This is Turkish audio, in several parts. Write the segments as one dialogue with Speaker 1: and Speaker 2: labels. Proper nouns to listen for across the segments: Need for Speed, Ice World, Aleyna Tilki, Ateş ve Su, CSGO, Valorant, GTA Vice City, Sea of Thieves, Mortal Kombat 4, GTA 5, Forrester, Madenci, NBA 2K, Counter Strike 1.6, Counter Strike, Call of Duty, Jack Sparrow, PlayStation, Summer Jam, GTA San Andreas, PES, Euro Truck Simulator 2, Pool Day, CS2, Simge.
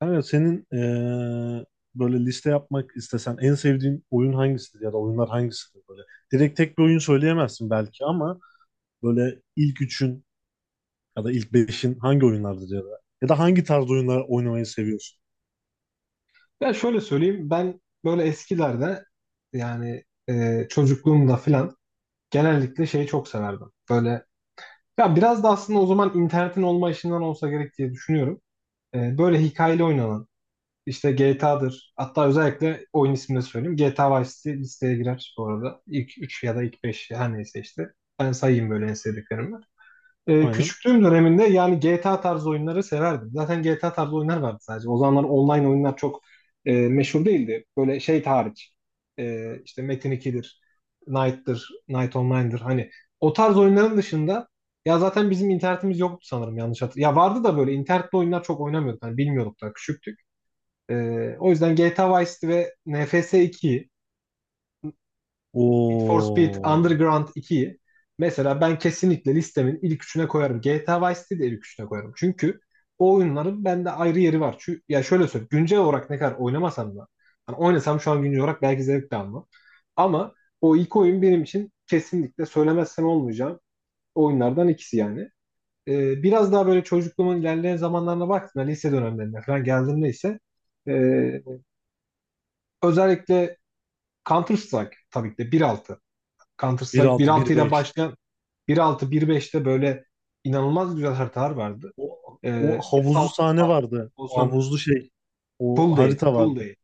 Speaker 1: Kanka senin böyle liste yapmak istesen en sevdiğin oyun hangisidir ya da oyunlar hangisidir böyle? Direkt tek bir oyun söyleyemezsin belki ama böyle ilk üçün ya da ilk beşin hangi oyunlardır ya da ya da hangi tarz oyunlar oynamayı seviyorsun?
Speaker 2: Ya şöyle söyleyeyim ben böyle eskilerde yani çocukluğumda filan genellikle şeyi çok severdim. Böyle ya biraz da aslında o zaman internetin olma işinden olsa gerek diye düşünüyorum. Böyle hikayeli oynanan işte GTA'dır, hatta özellikle oyun ismini de söyleyeyim. GTA Vice City listeye girer bu arada. İlk 3 ya da ilk 5 her neyse işte. Ben sayayım böyle en sevdiklerimi. Ee,
Speaker 1: Aynen.
Speaker 2: küçüklüğüm döneminde yani GTA tarzı oyunları severdim. Zaten GTA tarzı oyunlar vardı sadece. O zamanlar online oyunlar çok meşhur değildi. Böyle şey hariç. E, işte Metin 2'dir, Knight'tır, Knight Online'dır. Hani o tarz oyunların dışında ya zaten bizim internetimiz yoktu, sanırım yanlış hatırlıyorum. Ya vardı da böyle internetli oyunlar çok oynamıyorduk. Hani bilmiyorduk da, küçüktük. E, o yüzden GTA Vice'di ve NFS 2'yi, Need for Speed
Speaker 1: O
Speaker 2: Underground 2'yi mesela ben kesinlikle listemin ilk üçüne koyarım. GTA Vice City'yi de ilk üçüne koyarım. Çünkü o oyunların bende ayrı yeri var. Çünkü, ya şöyle söyleyeyim, güncel olarak ne kadar oynamasam da, hani oynasam şu an güncel olarak belki zevk de almam. Ama o ilk oyun benim için kesinlikle söylemezsem olmayacağım oyunlardan ikisi yani. Biraz daha böyle çocukluğumun ilerleyen zamanlarına baktığımda, lise dönemlerine falan geldiğimde ise e, özellikle Counter Strike, tabii ki de 1.6, Counter
Speaker 1: Bir
Speaker 2: Strike bir
Speaker 1: altı
Speaker 2: altı
Speaker 1: bir
Speaker 2: ile
Speaker 1: beş.
Speaker 2: başlayan 1.6 1.5'te böyle inanılmaz güzel haritalar vardı.
Speaker 1: O, o havuzlu
Speaker 2: S6
Speaker 1: sahne vardı. O
Speaker 2: olsun,
Speaker 1: havuzlu şey.
Speaker 2: Pool
Speaker 1: O
Speaker 2: Day,
Speaker 1: harita
Speaker 2: Pool
Speaker 1: vardı.
Speaker 2: Day.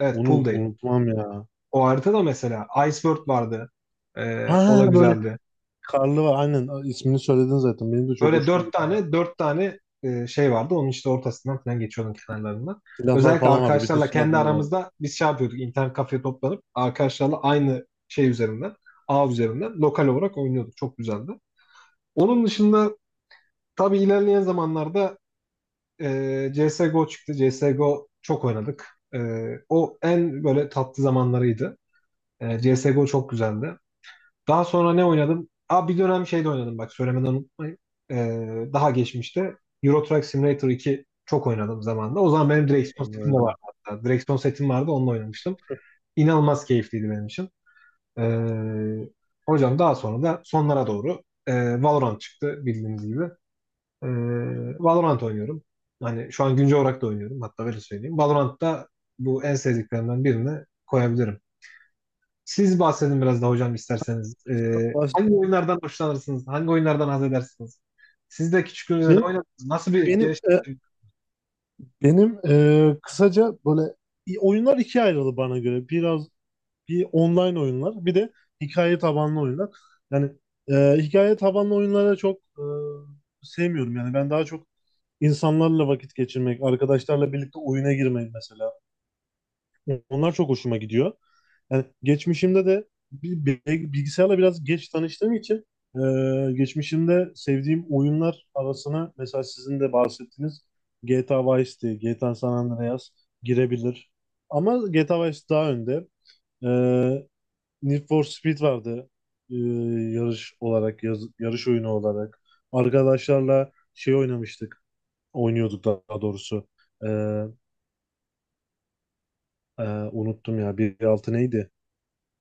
Speaker 2: Evet,
Speaker 1: Onu
Speaker 2: Pool Day.
Speaker 1: unutmam ya.
Speaker 2: O harita da, mesela Ice World vardı. Ee,
Speaker 1: Ha
Speaker 2: o da
Speaker 1: böyle
Speaker 2: güzeldi.
Speaker 1: karlı var. Aynen ismini söyledin zaten. Benim de çok
Speaker 2: Böyle
Speaker 1: hoşuma
Speaker 2: dört
Speaker 1: giden
Speaker 2: tane dört tane şey vardı. Onun işte ortasından falan geçiyordum, kenarlarından.
Speaker 1: silahlar
Speaker 2: Özellikle
Speaker 1: falan vardı. Bütün
Speaker 2: arkadaşlarla kendi
Speaker 1: silahlar vardı.
Speaker 2: aramızda biz şey yapıyorduk. İnternet kafeye toplanıp arkadaşlarla aynı şey üzerinden, ağ üzerinden lokal olarak oynuyorduk. Çok güzeldi. Onun dışında, tabii, ilerleyen zamanlarda CSGO çıktı. CSGO çok oynadık. E, o en böyle tatlı zamanlarıydı. CSGO çok güzeldi. Daha sonra ne oynadım? Aa, bir dönem şey de oynadım, bak söylemeden unutmayın. E, daha geçmişte Euro Truck Simulator 2 çok oynadım zamanında. O zaman benim direksiyon setim de vardı
Speaker 1: Onlardan.
Speaker 2: hatta. Direksiyon setim vardı, onunla oynamıştım. İnanılmaz keyifliydi benim için. E, hocam daha sonra da sonlara doğru Valorant çıktı, bildiğiniz gibi. Ee, Valorant oynuyorum. Hani şu an güncel olarak da oynuyorum. Hatta öyle söyleyeyim, Valorant'ta bu en sevdiklerimden birini koyabilirim. Siz bahsedin biraz da hocam, isterseniz. Ee,
Speaker 1: Baş-
Speaker 2: hangi oyunlardan hoşlanırsınız? Hangi oyunlardan haz edersiniz? Siz de küçüklüğünüzde ne
Speaker 1: Benim
Speaker 2: oynadınız? Nasıl bir
Speaker 1: benim
Speaker 2: gelişim?
Speaker 1: e, benim kısaca böyle oyunlar ikiye ayrıldı bana göre. Biraz bir online oyunlar, bir de hikaye tabanlı oyunlar. Yani hikaye tabanlı oyunlara çok sevmiyorum. Yani ben daha çok insanlarla vakit geçirmek, arkadaşlarla birlikte oyuna girmeyi mesela. Onlar çok hoşuma gidiyor. Yani geçmişimde de bilgisayarla biraz geç tanıştığım için e, geçmişimde sevdiğim oyunlar arasına mesela sizin de bahsettiğiniz GTA Vice City, GTA San Andreas girebilir. Ama GTA Vice daha önde. E, Need for Speed vardı e, yarış olarak, yarış oyunu olarak. Arkadaşlarla şey oynamıştık, oynuyorduk daha doğrusu. E, e, unuttum ya, bir altı neydi?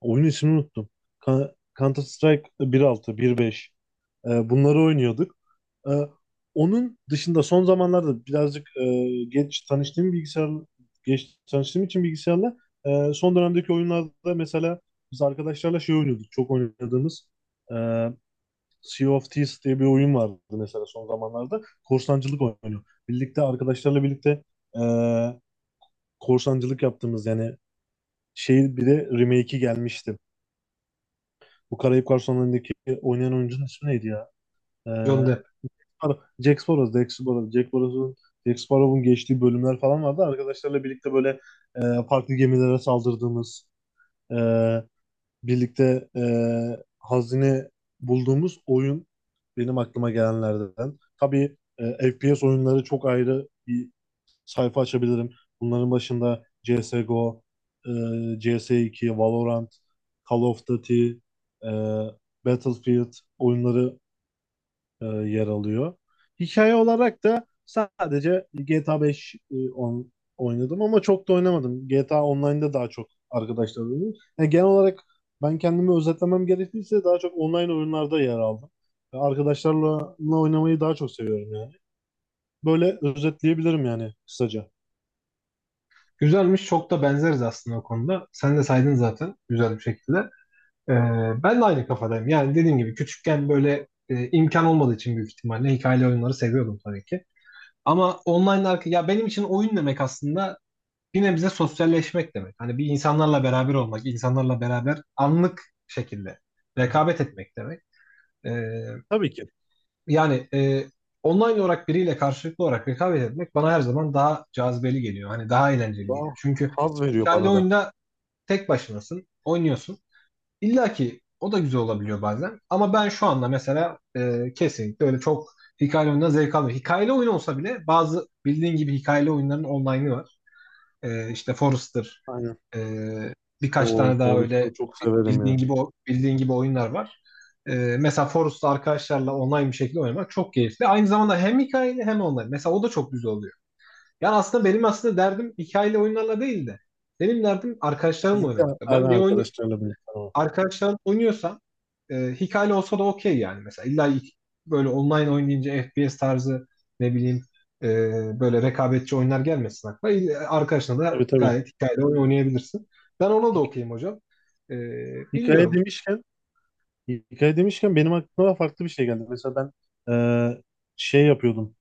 Speaker 1: Oyun ismini unuttum. Counter Strike 1.6, 1.5. Bunları oynuyorduk. Ee, onun dışında son zamanlarda birazcık geç tanıştığım için bilgisayarla son dönemdeki oyunlarda mesela biz arkadaşlarla şey oynuyorduk. Çok oynadığımız e, Sea of Thieves diye bir oyun vardı mesela son zamanlarda. Korsancılık oyunu. Birlikte arkadaşlarla birlikte e, korsancılık yaptığımız yani şey, bir de remake'i gelmişti. Bu Karayip Garsonları'ndaki oynayan oyuncunun ismi neydi ya? Ee,
Speaker 2: John Depp?
Speaker 1: Ar- Jack Sparrow, Jack Sparrow, Jack Sparrow'un Jack Sparrow'un geçtiği bölümler falan vardı. Arkadaşlarla birlikte böyle e, farklı gemilere saldırdığımız, e, birlikte hazine bulduğumuz oyun benim aklıma gelenlerden. Tabii FPS oyunları çok ayrı bir sayfa açabilirim. Bunların başında CSGO, e, CS2, Valorant, Call of Duty, e, Battlefield oyunları yer alıyor. Hikaye olarak da sadece GTA 5 oynadım ama çok da oynamadım. GTA Online'da daha çok arkadaşlar oynuyorum. Yani genel olarak ben kendimi özetlemem gerekirse daha çok online oyunlarda yer aldım. Ve arkadaşlarla oynamayı daha çok seviyorum yani. Böyle özetleyebilirim yani kısaca.
Speaker 2: Güzelmiş. Çok da benzeriz aslında o konuda. Sen de saydın zaten güzel bir şekilde. Ee, ben de aynı kafadayım. Yani dediğim gibi küçükken böyle imkan olmadığı için büyük ihtimalle hikayeli oyunları seviyordum tabii ki. Ama online arka, ya benim için oyun demek aslında bir nebze sosyalleşmek demek. Hani bir insanlarla beraber olmak, insanlarla beraber anlık şekilde rekabet etmek demek. Ee,
Speaker 1: Tabii ki.
Speaker 2: yani online olarak biriyle karşılıklı olarak rekabet etmek bana her zaman daha cazibeli geliyor. Hani daha eğlenceli geliyor.
Speaker 1: Daha
Speaker 2: Çünkü
Speaker 1: haz veriyor
Speaker 2: hikayeli
Speaker 1: bana da.
Speaker 2: oyunda tek başınasın, oynuyorsun. İlla ki o da güzel olabiliyor bazen. Ama ben şu anda mesela kesinlikle öyle çok hikayeli oyundan zevk almıyorum. Hikayeli oyun olsa bile, bazı bildiğin gibi hikayeli oyunların online'ı var. E, işte Forrester,
Speaker 1: Aynen.
Speaker 2: e, birkaç
Speaker 1: O
Speaker 2: tane daha öyle
Speaker 1: Forest'ı çok severim
Speaker 2: bildiğin
Speaker 1: yani.
Speaker 2: gibi bildiğin gibi oyunlar var. E, mesela Forrester arkadaşlarla online bir şekilde oynamak çok keyifli. Aynı zamanda hem hikayeli hem online. Mesela o da çok güzel oluyor. Yani aslında benim aslında derdim hikayeli oyunlarla değil de, benim derdim arkadaşlarımla
Speaker 1: Birlikte
Speaker 2: oynamakta. Ben bir oyunu
Speaker 1: arkadaşlarla birlikte ama.
Speaker 2: arkadaşlar oynuyorsam hikayeli olsa da okey yani. Mesela, illa böyle online oynayınca FPS tarzı, ne bileyim, e, böyle rekabetçi oyunlar gelmesin aklına. İyi, arkadaşına da
Speaker 1: Tabii, tabii.
Speaker 2: gayet hikayeli oyun oynayabilirsin. Ben ona da
Speaker 1: Hi-
Speaker 2: okeyim hocam. E,
Speaker 1: Hikaye
Speaker 2: bilmiyorum.
Speaker 1: demişken, hikaye demişken, benim aklıma farklı bir şey geldi. Mesela ben eee, şey yapıyordum.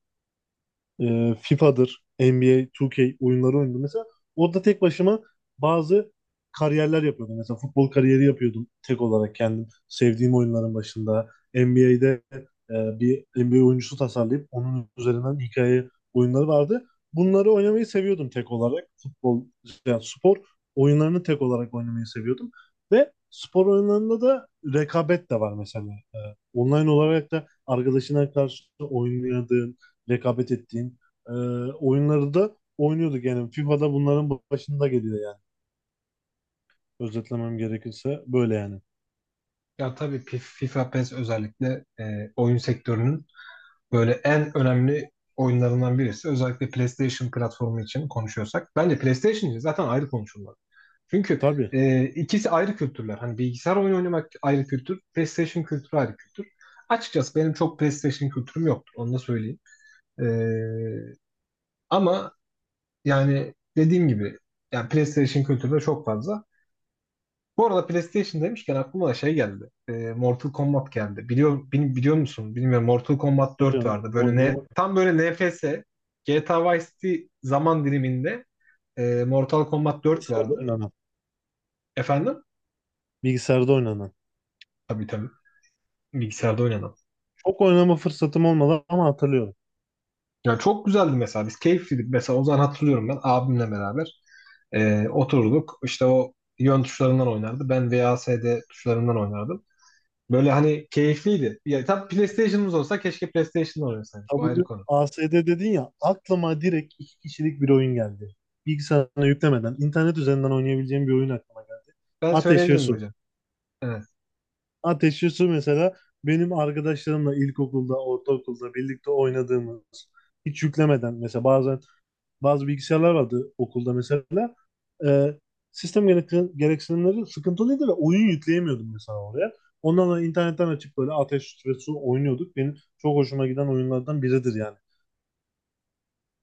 Speaker 1: FIFA'dır, NBA, 2K oyunları oynadım. Mesela orada tek başıma bazı kariyerler yapıyordum. Mesela futbol kariyeri yapıyordum tek olarak kendim. Sevdiğim oyunların başında. NBA'de bir NBA oyuncusu tasarlayıp onun üzerinden hikaye oyunları vardı. Bunları oynamayı seviyordum tek olarak. Futbol, yani spor oyunlarını tek olarak oynamayı seviyordum. Ve spor oyunlarında da rekabet de var mesela. E, online olarak da arkadaşına karşı oynadığın, rekabet ettiğin e, oyunları da oynuyorduk yani. FIFA'da bunların başında geliyor yani. Özetlemem gerekirse böyle yani.
Speaker 2: Ya tabii, FIFA PES özellikle oyun sektörünün böyle en önemli oyunlarından birisi. Özellikle PlayStation platformu için konuşuyorsak. Bence PlayStation için zaten ayrı konuşulmaz. Çünkü
Speaker 1: Tabii,
Speaker 2: ikisi ayrı kültürler. Hani bilgisayar oyunu oynamak ayrı kültür, PlayStation kültürü ayrı kültür. Açıkçası benim çok PlayStation kültürüm yoktur, onu da söyleyeyim. E, ama yani dediğim gibi, yani PlayStation kültürü de çok fazla. Bu arada PlayStation demişken aklıma da şey geldi. Mortal Kombat geldi. Biliyor musun? Bilmiyorum. Mortal Kombat 4
Speaker 1: biliyorum,
Speaker 2: vardı. Böyle ne,
Speaker 1: oynamak
Speaker 2: tam böyle NFS GTA Vice City zaman diliminde Mortal Kombat 4
Speaker 1: bilgisayarda
Speaker 2: vardı.
Speaker 1: oynanan.
Speaker 2: Efendim?
Speaker 1: Bilgisayarda oynanan.
Speaker 2: Tabii tabii, bilgisayarda oynanan.
Speaker 1: Çok oynama fırsatım olmadı ama hatırlıyorum.
Speaker 2: Ya çok güzeldi mesela, biz keyifliydik. Mesela o zaman hatırlıyorum, ben abimle beraber oturduk. İşte o yön tuşlarından oynardı, ben VASD tuşlarından oynardım. Böyle hani keyifliydi. Ya tam PlayStation'ımız olsa, keşke PlayStation'da oynasaydık. O ayrı
Speaker 1: W
Speaker 2: konu.
Speaker 1: A S D dedin ya, aklıma direkt iki kişilik bir oyun geldi. Bilgisayarına yüklemeden internet üzerinden oynayabileceğim bir oyun aklıma geldi.
Speaker 2: Ben
Speaker 1: Ateş ve
Speaker 2: söyleyebilirim
Speaker 1: Su.
Speaker 2: hocam. Evet.
Speaker 1: Ateşli Su mesela benim arkadaşlarımla ilkokulda, ortaokulda birlikte oynadığımız, hiç yüklemeden mesela, bazen bazı bilgisayarlar vardı okulda mesela. Ee, sistem gereksinimleri sıkıntılıydı ve oyun yükleyemiyordum mesela oraya. Ondan sonra internetten açıp böyle Ateş ve Su oynuyorduk. Benim çok hoşuma giden oyunlardan biridir yani.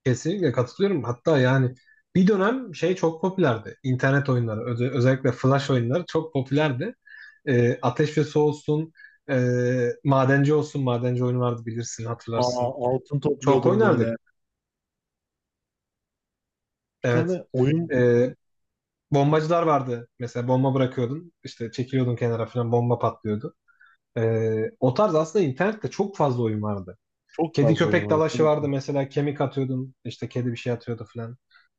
Speaker 2: Kesinlikle katılıyorum. Hatta yani bir dönem şey çok popülerdi. İnternet oyunları, özellikle flash oyunları çok popülerdi. Ateş ve Su olsun, e, Madenci olsun. Madenci oyunu vardı, bilirsin, hatırlarsın.
Speaker 1: Aa, altın
Speaker 2: Çok
Speaker 1: topluyordum
Speaker 2: oynardık.
Speaker 1: böyle. Bir
Speaker 2: Evet.
Speaker 1: tane oyun
Speaker 2: Ee, bombacılar vardı. Mesela bomba bırakıyordun, işte çekiliyordun kenara falan, bomba patlıyordu. O tarz aslında internette çok fazla oyun vardı.
Speaker 1: çok
Speaker 2: Kedi
Speaker 1: fazla oyun
Speaker 2: köpek
Speaker 1: vardı
Speaker 2: dalaşı
Speaker 1: tabii
Speaker 2: vardı,
Speaker 1: ki.
Speaker 2: mesela kemik atıyordun, işte kedi bir şey atıyordu falan.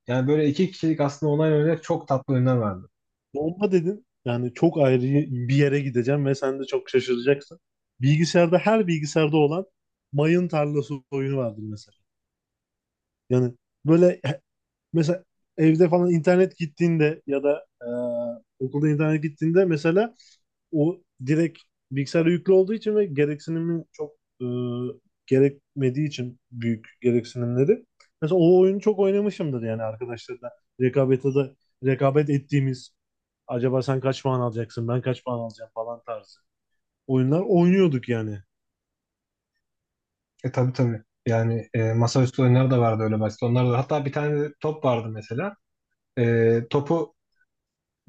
Speaker 2: Yani böyle iki kişilik aslında online oynayacak çok tatlı oyunlar vardı.
Speaker 1: Bomba dedin. Yani çok ayrı bir yere gideceğim ve sen de çok şaşıracaksın. Bilgisayarda, her bilgisayarda olan mayın tarlası oyunu vardır mesela. Yani böyle mesela evde falan internet gittiğinde ya da okulda internet gittiğinde mesela o direkt bilgisayara yüklü olduğu için ve gereksinimi çok e, gerekmediği için, büyük gereksinimleri. Mesela o oyunu çok oynamışımdır yani arkadaşlarla rekabete de rekabet ettiğimiz, acaba sen kaç puan alacaksın ben kaç puan alacağım falan tarzı oyunlar oynuyorduk yani.
Speaker 2: Tabii tabii. Yani masaüstü oyunları da vardı öyle basit. Onlar da, hatta bir tane de top vardı mesela. Topu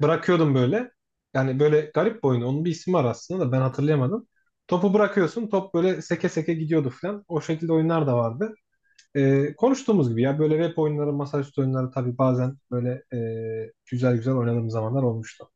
Speaker 2: bırakıyordum böyle. Yani böyle garip bir oyunu, onun bir ismi var aslında, da ben hatırlayamadım. Topu bırakıyorsun, top böyle seke seke gidiyordu falan. O şekilde oyunlar da vardı. Konuştuğumuz gibi, ya böyle web oyunları, masaüstü oyunları, tabii bazen böyle güzel güzel oynadığım zamanlar olmuştu.